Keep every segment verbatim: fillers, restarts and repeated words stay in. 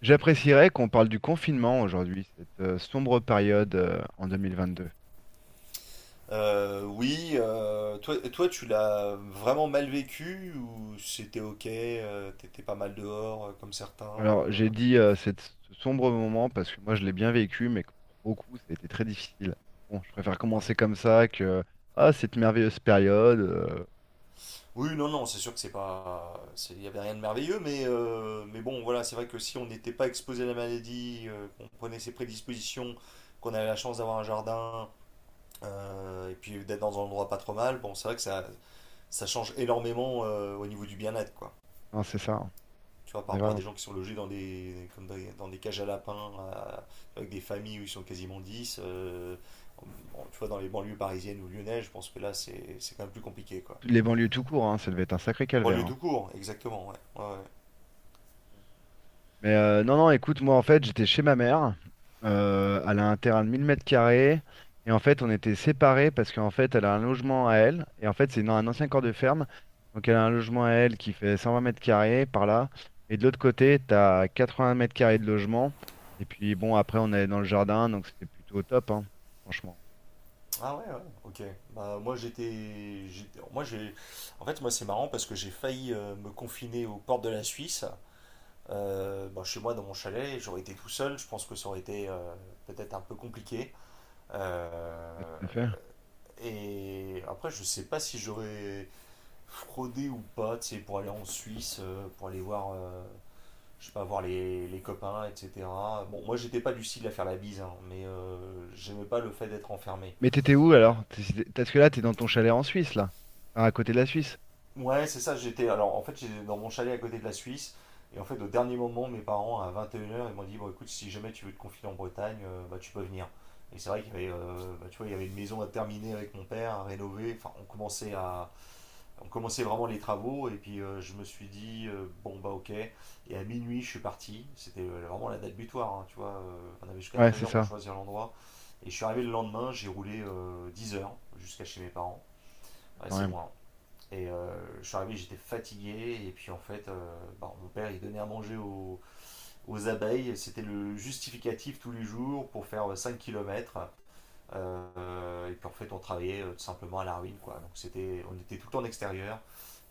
J'apprécierais qu'on parle du confinement aujourd'hui, cette euh, sombre période euh, en deux mille vingt-deux. Euh, oui, euh, toi, toi, tu l'as vraiment mal vécu ou c'était ok, euh, t'étais pas mal dehors euh, comme certains Alors, euh, j'ai dit euh, cette, ce sombre moment parce que moi, je l'ai bien vécu, mais que pour beaucoup, ça a été très difficile. Bon, je préfère ouais. commencer comme ça que ah, cette merveilleuse période. euh, Oui, non, non, c'est sûr que c'est pas, c'est- il y avait rien de merveilleux, mais euh, mais bon, voilà, c'est vrai que si on n'était pas exposé à la maladie, euh, qu'on prenait ses prédispositions, qu'on avait la chance d'avoir un jardin euh, et puis d'être dans un endroit pas trop mal, bon, c'est vrai que ça ça change énormément euh, au niveau du bien-être, quoi. Non, c'est ça, hein. Tu vois, On par est rapport à vraiment... des gens qui sont logés dans des, comme dans, des- dans des cages à lapins, à- avec des familles où ils sont quasiment dix euh, bon, tu vois, dans les banlieues parisiennes ou lyonnaises, je pense que là, c'est c'est quand même plus compliqué, quoi. Les banlieues tout court, hein, ça devait être un sacré calvaire, Banlieue hein. tout court, exactement, ouais. Ouais, ouais. Mais euh, non, non, écoute, moi en fait, j'étais chez ma mère. Euh, elle a un terrain de mille mètres carrés. Et en fait, on était séparés parce qu'en fait, elle a un logement à elle. Et en fait, c'est dans un ancien corps de ferme. Donc, elle a un logement à elle qui fait cent vingt mètres carrés par là. Et de l'autre côté, tu as vingts mètres carrés de logement. Et puis, bon, après, on allait dans le jardin. Donc, c'était plutôt top, hein, franchement. Ah ouais, ouais, ok. Bah, moi, j'étais... j'étais- Moi, j'ai... En fait, moi, c'est marrant parce que j'ai failli euh, me confiner aux portes de la Suisse. Euh, bon, chez moi, dans mon chalet, j'aurais été tout seul. Je pense que ça aurait été euh, peut-être un peu compliqué. Ouais, Euh, tout à fait. Et après, je sais pas si j'aurais fraudé ou pas, tu sais, pour aller en Suisse, euh, pour aller voir, euh, je sais pas, voir les, les copains, et cetera. Bon, moi, j'étais pas du style à faire la bise, hein, mais euh, j'aimais pas le fait d'être enfermé. Mais t'étais où Euh, alors? T'es- Parce que là, t'es dans ton chalet en Suisse, là. Enfin, à côté de la Suisse. Ouais, c'est ça, j'étais. Alors, en fait, j'étais dans mon chalet à côté de la Suisse. Et en fait, au dernier moment, mes parents, à 21 heures, ils m'ont dit: «Bon, écoute, si jamais tu veux te confier en Bretagne, euh, bah, tu peux venir.» Et c'est vrai qu'il y avait, euh, bah, tu vois, il y avait une maison à terminer avec mon père, à rénover. Enfin, on commençait à. On commençait vraiment les travaux. Et puis, euh, je me suis dit euh, bon, bah, ok. Et à minuit, je suis parti. C'était euh, vraiment la date butoir, hein, tu vois. euh, on avait jusqu'à Ouais, 13 c'est heures pour ça. choisir l'endroit. Et je suis arrivé le lendemain, j'ai roulé euh, 10 heures jusqu'à chez mes parents. Ouais, Quand c'est même. loin. Et euh, je suis arrivé, j'étais fatigué. Et puis en fait, euh, bah, mon père, il donnait à manger aux, aux abeilles. C'était le justificatif tous les jours pour faire cinq kilomètres km. Et puis en fait, on travaillait euh, tout simplement à la ruine, quoi. Donc c'était, on était tout le temps en extérieur.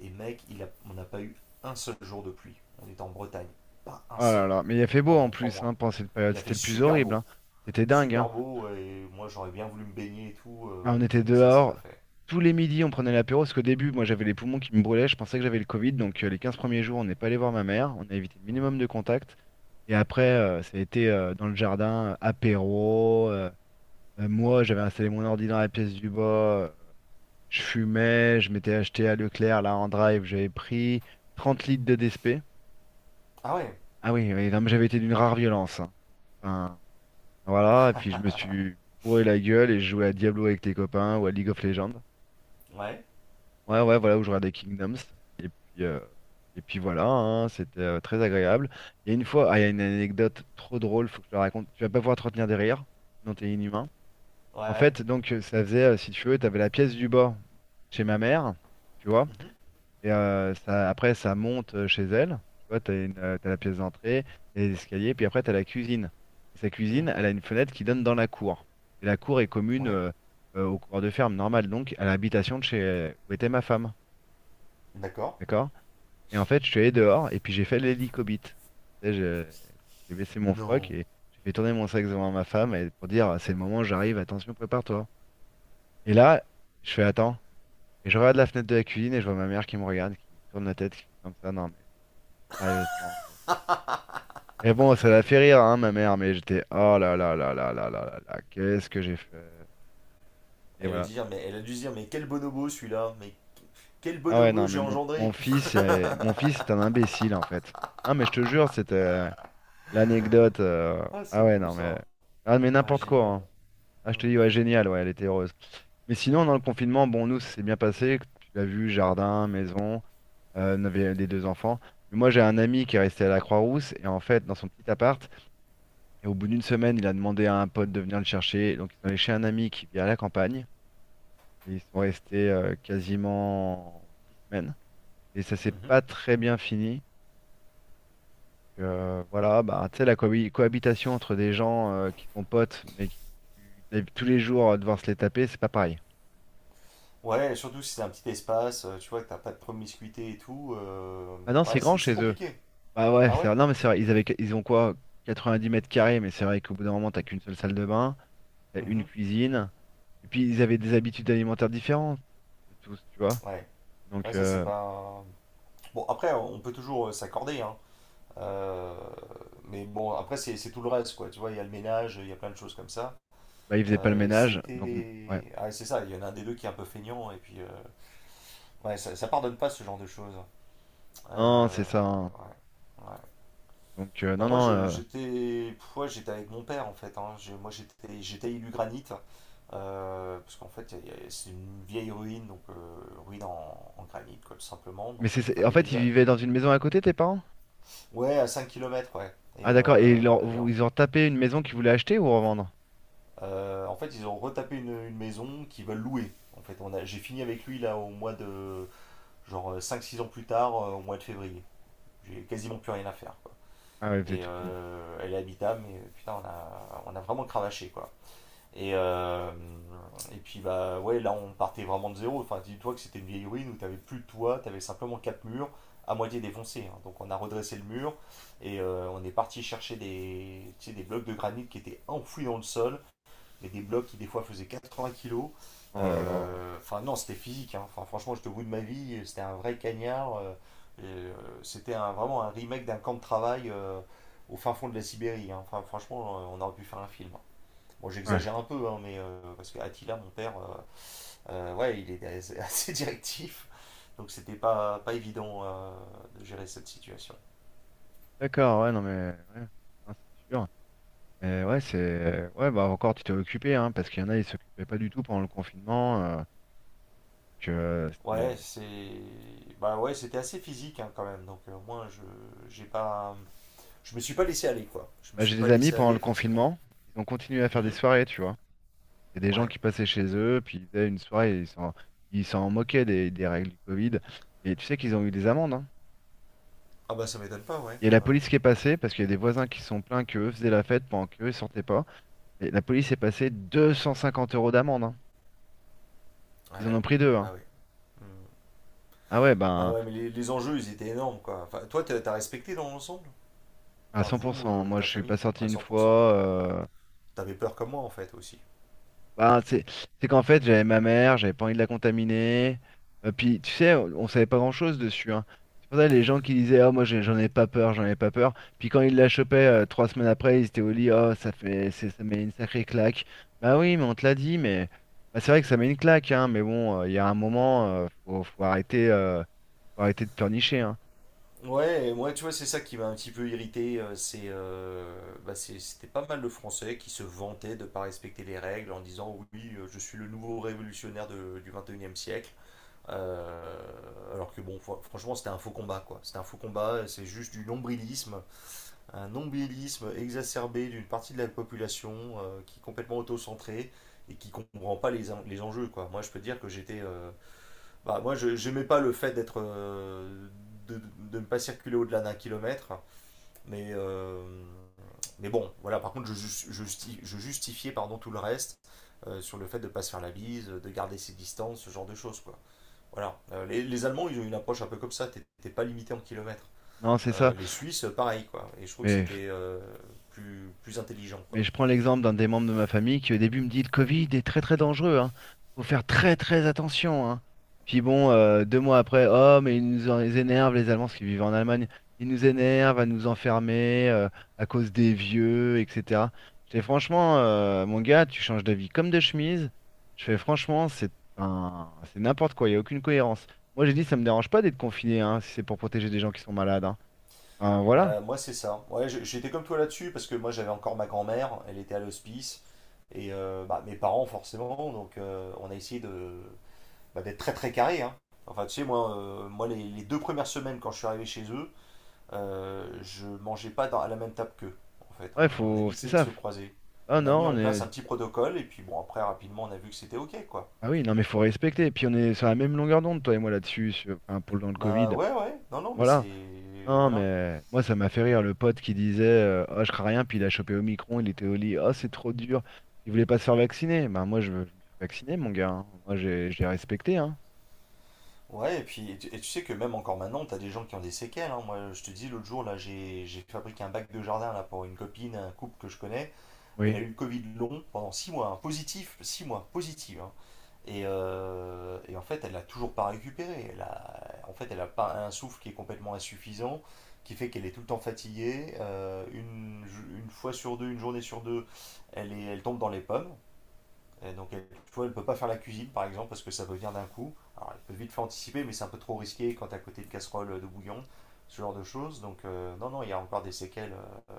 Et mec, il a- on n'a pas eu un seul jour de pluie. On était en Bretagne. Pas un Oh là seul. là, mais il a fait beau Pendant en trois plus mois. hein, pendant cette période. Il a fait C'était le plus super horrible, beau. hein. C'était dingue, Super hein. beau. Et moi, j'aurais bien voulu me baigner et tout. Ah, euh, on était mais ça, c'est pas dehors. fait. Tous les midis, on prenait l'apéro. Parce qu'au début, moi, j'avais les poumons qui me brûlaient. Je pensais que j'avais le Covid. Donc, euh, les quinze premiers jours, on n'est pas allé voir ma mère. On a évité le Mhm. minimum de contact. Et après, euh, ça a été euh, dans le jardin, euh, apéro. euh, euh, moi, j'avais installé mon ordi dans la pièce du bas. euh, je fumais. Je m'étais acheté à Leclerc, là, en drive. J'avais pris trente litres de D S P. Ah ouais. Ah oui, oui, non, mais j'avais été d'une rare violence, hein. Enfin, voilà, et puis je me suis bourré la gueule et je jouais à Diablo avec tes copains ou à League of Legends. Ouais. Ouais, ouais, voilà, où je regardais Kingdoms. Puis, euh, et puis voilà, hein, c'était euh, très agréable. Il y a une fois, ah, il y a une anecdote trop drôle, faut que je te la raconte. Tu vas pas pouvoir te retenir des rires, sinon t'es inhumain. En Ouais. fait, donc euh, ça faisait, euh, si tu veux, t'avais la pièce du bas chez ma mère, tu vois. Mhm. Et euh, ça, après, ça monte euh, chez elle. Tu vois, t'as une, euh, t'as la pièce d'entrée, t'as les escaliers, puis après, t'as la cuisine. Et sa cuisine, elle Mhm. a une fenêtre qui donne dans la cour. Et la cour est commune Ouais, euh, euh, au cours de ferme, normal, donc à l'habitation de chez où était ma femme. d'accord. D'accord? Et en fait, je suis allé dehors et puis j'ai fait l'hélicobite. Tu sais, je- j'ai baissé mon froc Non. et j'ai fait tourner mon sac devant ma femme et pour dire, c'est le moment, j'arrive, attention, prépare-toi. Et là, je fais, attends. Et je regarde la fenêtre de la cuisine et je vois ma mère qui me regarde, qui tourne la tête, qui fait comme ça, non mais. Sérieusement, quoi. Mais bon, ça l'a fait rire, hein, ma mère, mais j'étais, oh là là là là là là là là, qu'est-ce que j'ai fait? Et Elle veut voilà. dire, mais elle a dû se dire, mais quel bonobo celui-là, mais quel Ah ouais, bonobo non, mais j'ai mon, mon engendré. fils est, mon fils est un imbécile, en fait. Non, mais je te jure, c'était l'anecdote. euh, Ah, c'est Ah ouais, bon non, mais, ça. ah, mais Ouais, n'importe quoi, génial. hein. Ah, je te Mhm. dis, ouais, génial, ouais, elle était heureuse. Mais sinon, dans le confinement, bon, nous, ça s'est bien passé. Tu l'as vu, jardin, maison, euh, on avait les deux enfants. Mais moi, j'ai un ami qui est resté à la Croix-Rousse, et en fait, dans son petit appart, et au bout d'une semaine, il a demandé à un pote de venir le chercher. Donc, ils sont allés chez un ami qui vit à la campagne. Et ils sont restés euh, quasiment six semaines. Et ça s'est Mhm. pas très bien fini. Euh, voilà, bah, tu sais, la cohabi- cohabitation entre des gens euh, qui sont potes, mais qui tu tous les jours euh, devoir se les taper, c'est pas pareil. Ouais, surtout si c'est un petit espace, euh, tu vois, que t'as pas de promiscuité et tout. euh, Maintenant, c'est Ouais, grand c'est c'est chez eux. compliqué. Bah ouais, Ah c'est ouais? vrai. Non, mais c'est vrai, ils avaient, ils ont quoi? quatre-vingt-dix mètres carrés, mais c'est vrai qu'au bout d'un moment, t'as qu'une seule salle de bain, t'as une Mhm. cuisine. Et puis, ils avaient des habitudes alimentaires différentes, tous, tu vois. Ouais, Donc, ouais, ça c'est euh, pas. Bon, après, on peut toujours euh, s'accorder, hein. Euh, Mais bon, après, c'est c'est tout le reste, quoi. Tu vois, il y a le ménage, il y a plein de choses comme ça. Bah, il faisait pas le Euh, et ça a ménage, donc ouais. été. Ah, c'est ça, il y en a un des deux qui est un peu feignant, et puis euh, ouais, ça, ça pardonne pas ce genre de choses. Non, c'est Euh, ça, hein. ouais, ouais. Donc euh, Bah non, moi, non. je- euh, j'étais, pff, ouais, j'étais avec mon père en fait, hein. J'ai- Moi, j'étais, j'étais élu granit euh, parce qu'en fait, il y a- c'est une vieille ruine, donc euh, ruine en, en granit, quoi, tout simplement. Mais Donc c'est, il c'est- en fallait fait, ils déjà, vivaient dans une maison à côté, tes parents? ouais, à cinq kilomètres, ouais. Ah Et, d'accord. Et euh, ils leur- et vous- en, ils ont tapé une maison qu'ils voulaient acheter ou revendre? euh, en fait, ils ont retapé une, une maison qu'ils veulent louer. En fait, on a, j'ai fini avec lui là au mois de, genre cinq six ans plus tard, euh, au mois de février. J'ai quasiment plus rien à faire. Ah ouais, vous avez Et tout fini. euh, elle est habitable, mais putain, on a, on a vraiment cravaché, quoi. Et, euh, et puis, bah ouais, là, on partait vraiment de zéro. Enfin, dis-toi que c'était une vieille ruine où t'avais plus de toit, t'avais simplement quatre murs à moitié défoncés, hein. Donc, on a redressé le mur et euh, on est parti chercher des, tu sais, des blocs de granit qui étaient enfouis dans le sol, mais des blocs qui des fois faisaient 80 kilos. Oh là là. Euh, Enfin, euh, non, c'était physique, hein. Enfin, franchement, j'étais au bout de ma vie. C'était un vrai cagnard. Euh, euh, c'était un- vraiment un remake d'un camp de travail euh, au fin fond de la Sibérie, hein. Enfin, franchement, euh, on aurait pu faire un film. Bon, Ouais. j'exagère un peu, hein, mais euh, parce que Attila, mon père, euh, euh, ouais, il est assez, directif. Donc, c'était pas, pas évident euh, de gérer cette situation. D'accord. Ouais, non mais ouais. Non, c'est sûr. Mais ouais, c'est ouais, bah encore tu t'es occupé, hein, parce qu'il y en a ils s'occupaient pas du tout pendant le confinement. euh, donc, euh, Ouais, c'était- c'est, bah ouais, c'était assez physique, hein, quand même. Donc, euh, au moins, je, j'ai pas. Je me suis pas laissé aller, quoi. Je me bah, suis j'ai pas des amis laissé pendant aller, le forcément. confinement, ils ont continué à faire des Mhm. soirées, tu vois. Il y a des gens Ouais. qui passaient chez eux, puis ils faisaient une soirée, et ils s'en ils s'en moquaient des, des règles du Covid. Et tu sais qu'ils ont eu des amendes, hein. Ah bah ça m'étonne pas, ouais. Il y a la Ouais. police qui est passée, parce qu'il y a des voisins qui se sont plaints qu'eux faisaient la fête pendant qu'eux, ils sortaient pas. Et la police est passée deux cent cinquante euros d'amende, hein. Ah Ils en ouais. ont pris deux, hein. Bah oui. Mhm. Ah ouais, Bah ben, ouais, mais les, les enjeux, ils étaient énormes, quoi. Enfin, toi, t'as t'as respecté dans l'ensemble? à Enfin, vous, cent pour cent. euh, Moi, ta je suis famille, pas sorti à une cent pour cent. fois. euh, T'avais peur comme moi, en fait, aussi. Bah, c'est c'est qu'en fait, j'avais ma mère, j'avais pas envie de la contaminer. Euh, puis, tu sais, on, on savait pas grand-chose dessus, hein. C'est pour ça les gens qui disaient, ah, moi, j'ai- j'en ai pas peur, j'en ai pas peur. Puis quand ils la chopaient euh, trois semaines après, ils étaient au lit, oh, ça fait, c'est- ça met une sacrée claque. Bah oui, mais on te l'a dit, mais bah, c'est vrai que ça met une claque, hein. Mais bon, euh, il y a un moment, euh, faut, faut arrêter, euh, faut arrêter de pleurnicher, hein. Ouais, et moi, tu vois, c'est ça qui m'a un petit peu irrité. euh, C'est, euh, bah, c'est- c'était pas mal de Français qui se vantaient de pas respecter les règles en disant, oui, euh, je suis le nouveau révolutionnaire de- du vingt et unième siècle. Euh, alors que bon, franchement, c'était un faux combat, quoi. C'était un faux combat, c'est juste du nombrilisme, un nombrilisme exacerbé d'une partie de la population euh, qui est complètement autocentrée et qui comprend pas les, en- les enjeux, quoi. Moi, je peux dire que j'étais, euh, bah, moi, je j'aimais pas le fait d'être, euh, de, de, ne pas circuler au-delà d'un kilomètre, mais euh, mais bon, voilà. Par contre, je, jus- je justi- je justifiais, pardon, tout le reste euh, sur le fait de pas se faire la bise, de garder ses distances, ce genre de choses, quoi. Voilà. Euh, les, les Allemands, ils ont une approche un peu comme ça. T'es t'es pas limité en kilomètres. Non, c'est Euh, ça. les Suisses, pareil, quoi. Et je trouve que Mais c'était euh, plus, plus intelligent, Mais quoi. je prends l'exemple d'un des membres de ma famille qui au début me dit le Covid est très très dangereux, hein. Faut faire très très attention, hein. Puis bon, euh, deux mois après, oh mais ils nous en- ils énervent les Allemands, parce qu'ils vivent en Allemagne, ils nous énervent à nous enfermer euh, à cause des vieux, et cetera. Je fais franchement, euh, mon gars, tu changes d'avis comme de chemise. Je fais franchement, c'est un- c'est n'importe quoi, il n'y a aucune cohérence. Moi j'ai dit ça me dérange pas d'être confiné, hein, si c'est pour protéger des gens qui sont malades, hein. Enfin, voilà. Bah, moi, c'est ça. Ouais, j'- j'étais comme toi là-dessus, parce que moi, j'avais encore ma grand-mère, elle était à l'hospice, et euh, bah, mes parents, forcément, donc euh, on a essayé de, bah, d'être très très carré, hein. Enfin, tu sais, moi, euh, moi les, les deux premières semaines, quand je suis arrivé chez eux, euh, je mangeais pas dans- à la même table qu'eux. En fait, Ouais, on a faut, c'est évité de ça. se croiser. Ah On a mis non, en on place est. un petit protocole et puis bon après rapidement on a vu que c'était ok, quoi. Ah oui, non, mais faut respecter. Et puis on est sur la même longueur d'onde, toi et moi, là-dessus, sur- enfin, pour le dans le Covid. Bah ouais, ouais, non, non, mais c'est Voilà. Non, voilà. mais moi, ça m'a fait rire, le pote qui disait euh, oh, je crains rien, puis il a chopé Omicron, il était au lit. Oh, c'est trop dur. Il voulait pas se faire vacciner. Ben, moi, je, je me suis vacciné, mon gars, hein. Moi, j'ai, je l'ai respecté, hein. Ouais, et puis et tu, et tu sais que même encore maintenant t'as des gens qui ont des séquelles, hein. Moi je te dis l'autre jour là j'ai j'ai fabriqué un bac de jardin là pour une copine, un couple que je connais. Elle a Oui. eu le Covid long pendant six mois, hein. Positif, six mois, positif, hein. Et, euh, et en fait, elle l'a toujours pas récupéré. Elle a, en fait, elle a pas un souffle qui est complètement insuffisant, qui fait qu'elle est tout le temps fatiguée. Euh, une, une fois sur deux, une journée sur deux, elle, est, elle tombe dans les pommes. Et donc, elle, tu vois, elle ne peut pas faire la cuisine, par exemple, parce que ça peut venir d'un coup. Alors, elle peut vite faire anticiper, mais c'est un peu trop risqué quand t'es à côté de casserole de bouillon, ce genre de choses. Donc, euh, non, non, il y a encore des séquelles euh,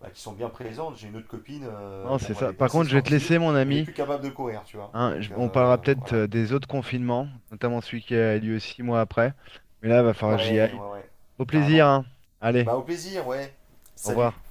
bah, qui sont bien présentes. J'ai une autre copine, euh, Non, c'est bon, elle ça. était Par assez contre, je vais te sportive, laisser, mon elle est ami, plus capable de courir, tu vois. hein. Je- Donc, on parlera euh, peut-être voilà. euh, des autres confinements, notamment celui qui a lieu six mois après. Mais là, va falloir que j'y Ouais, aille. ouais, ouais. Au plaisir, Carrément. hein. Allez, Bah, au plaisir, ouais. au Salut. revoir.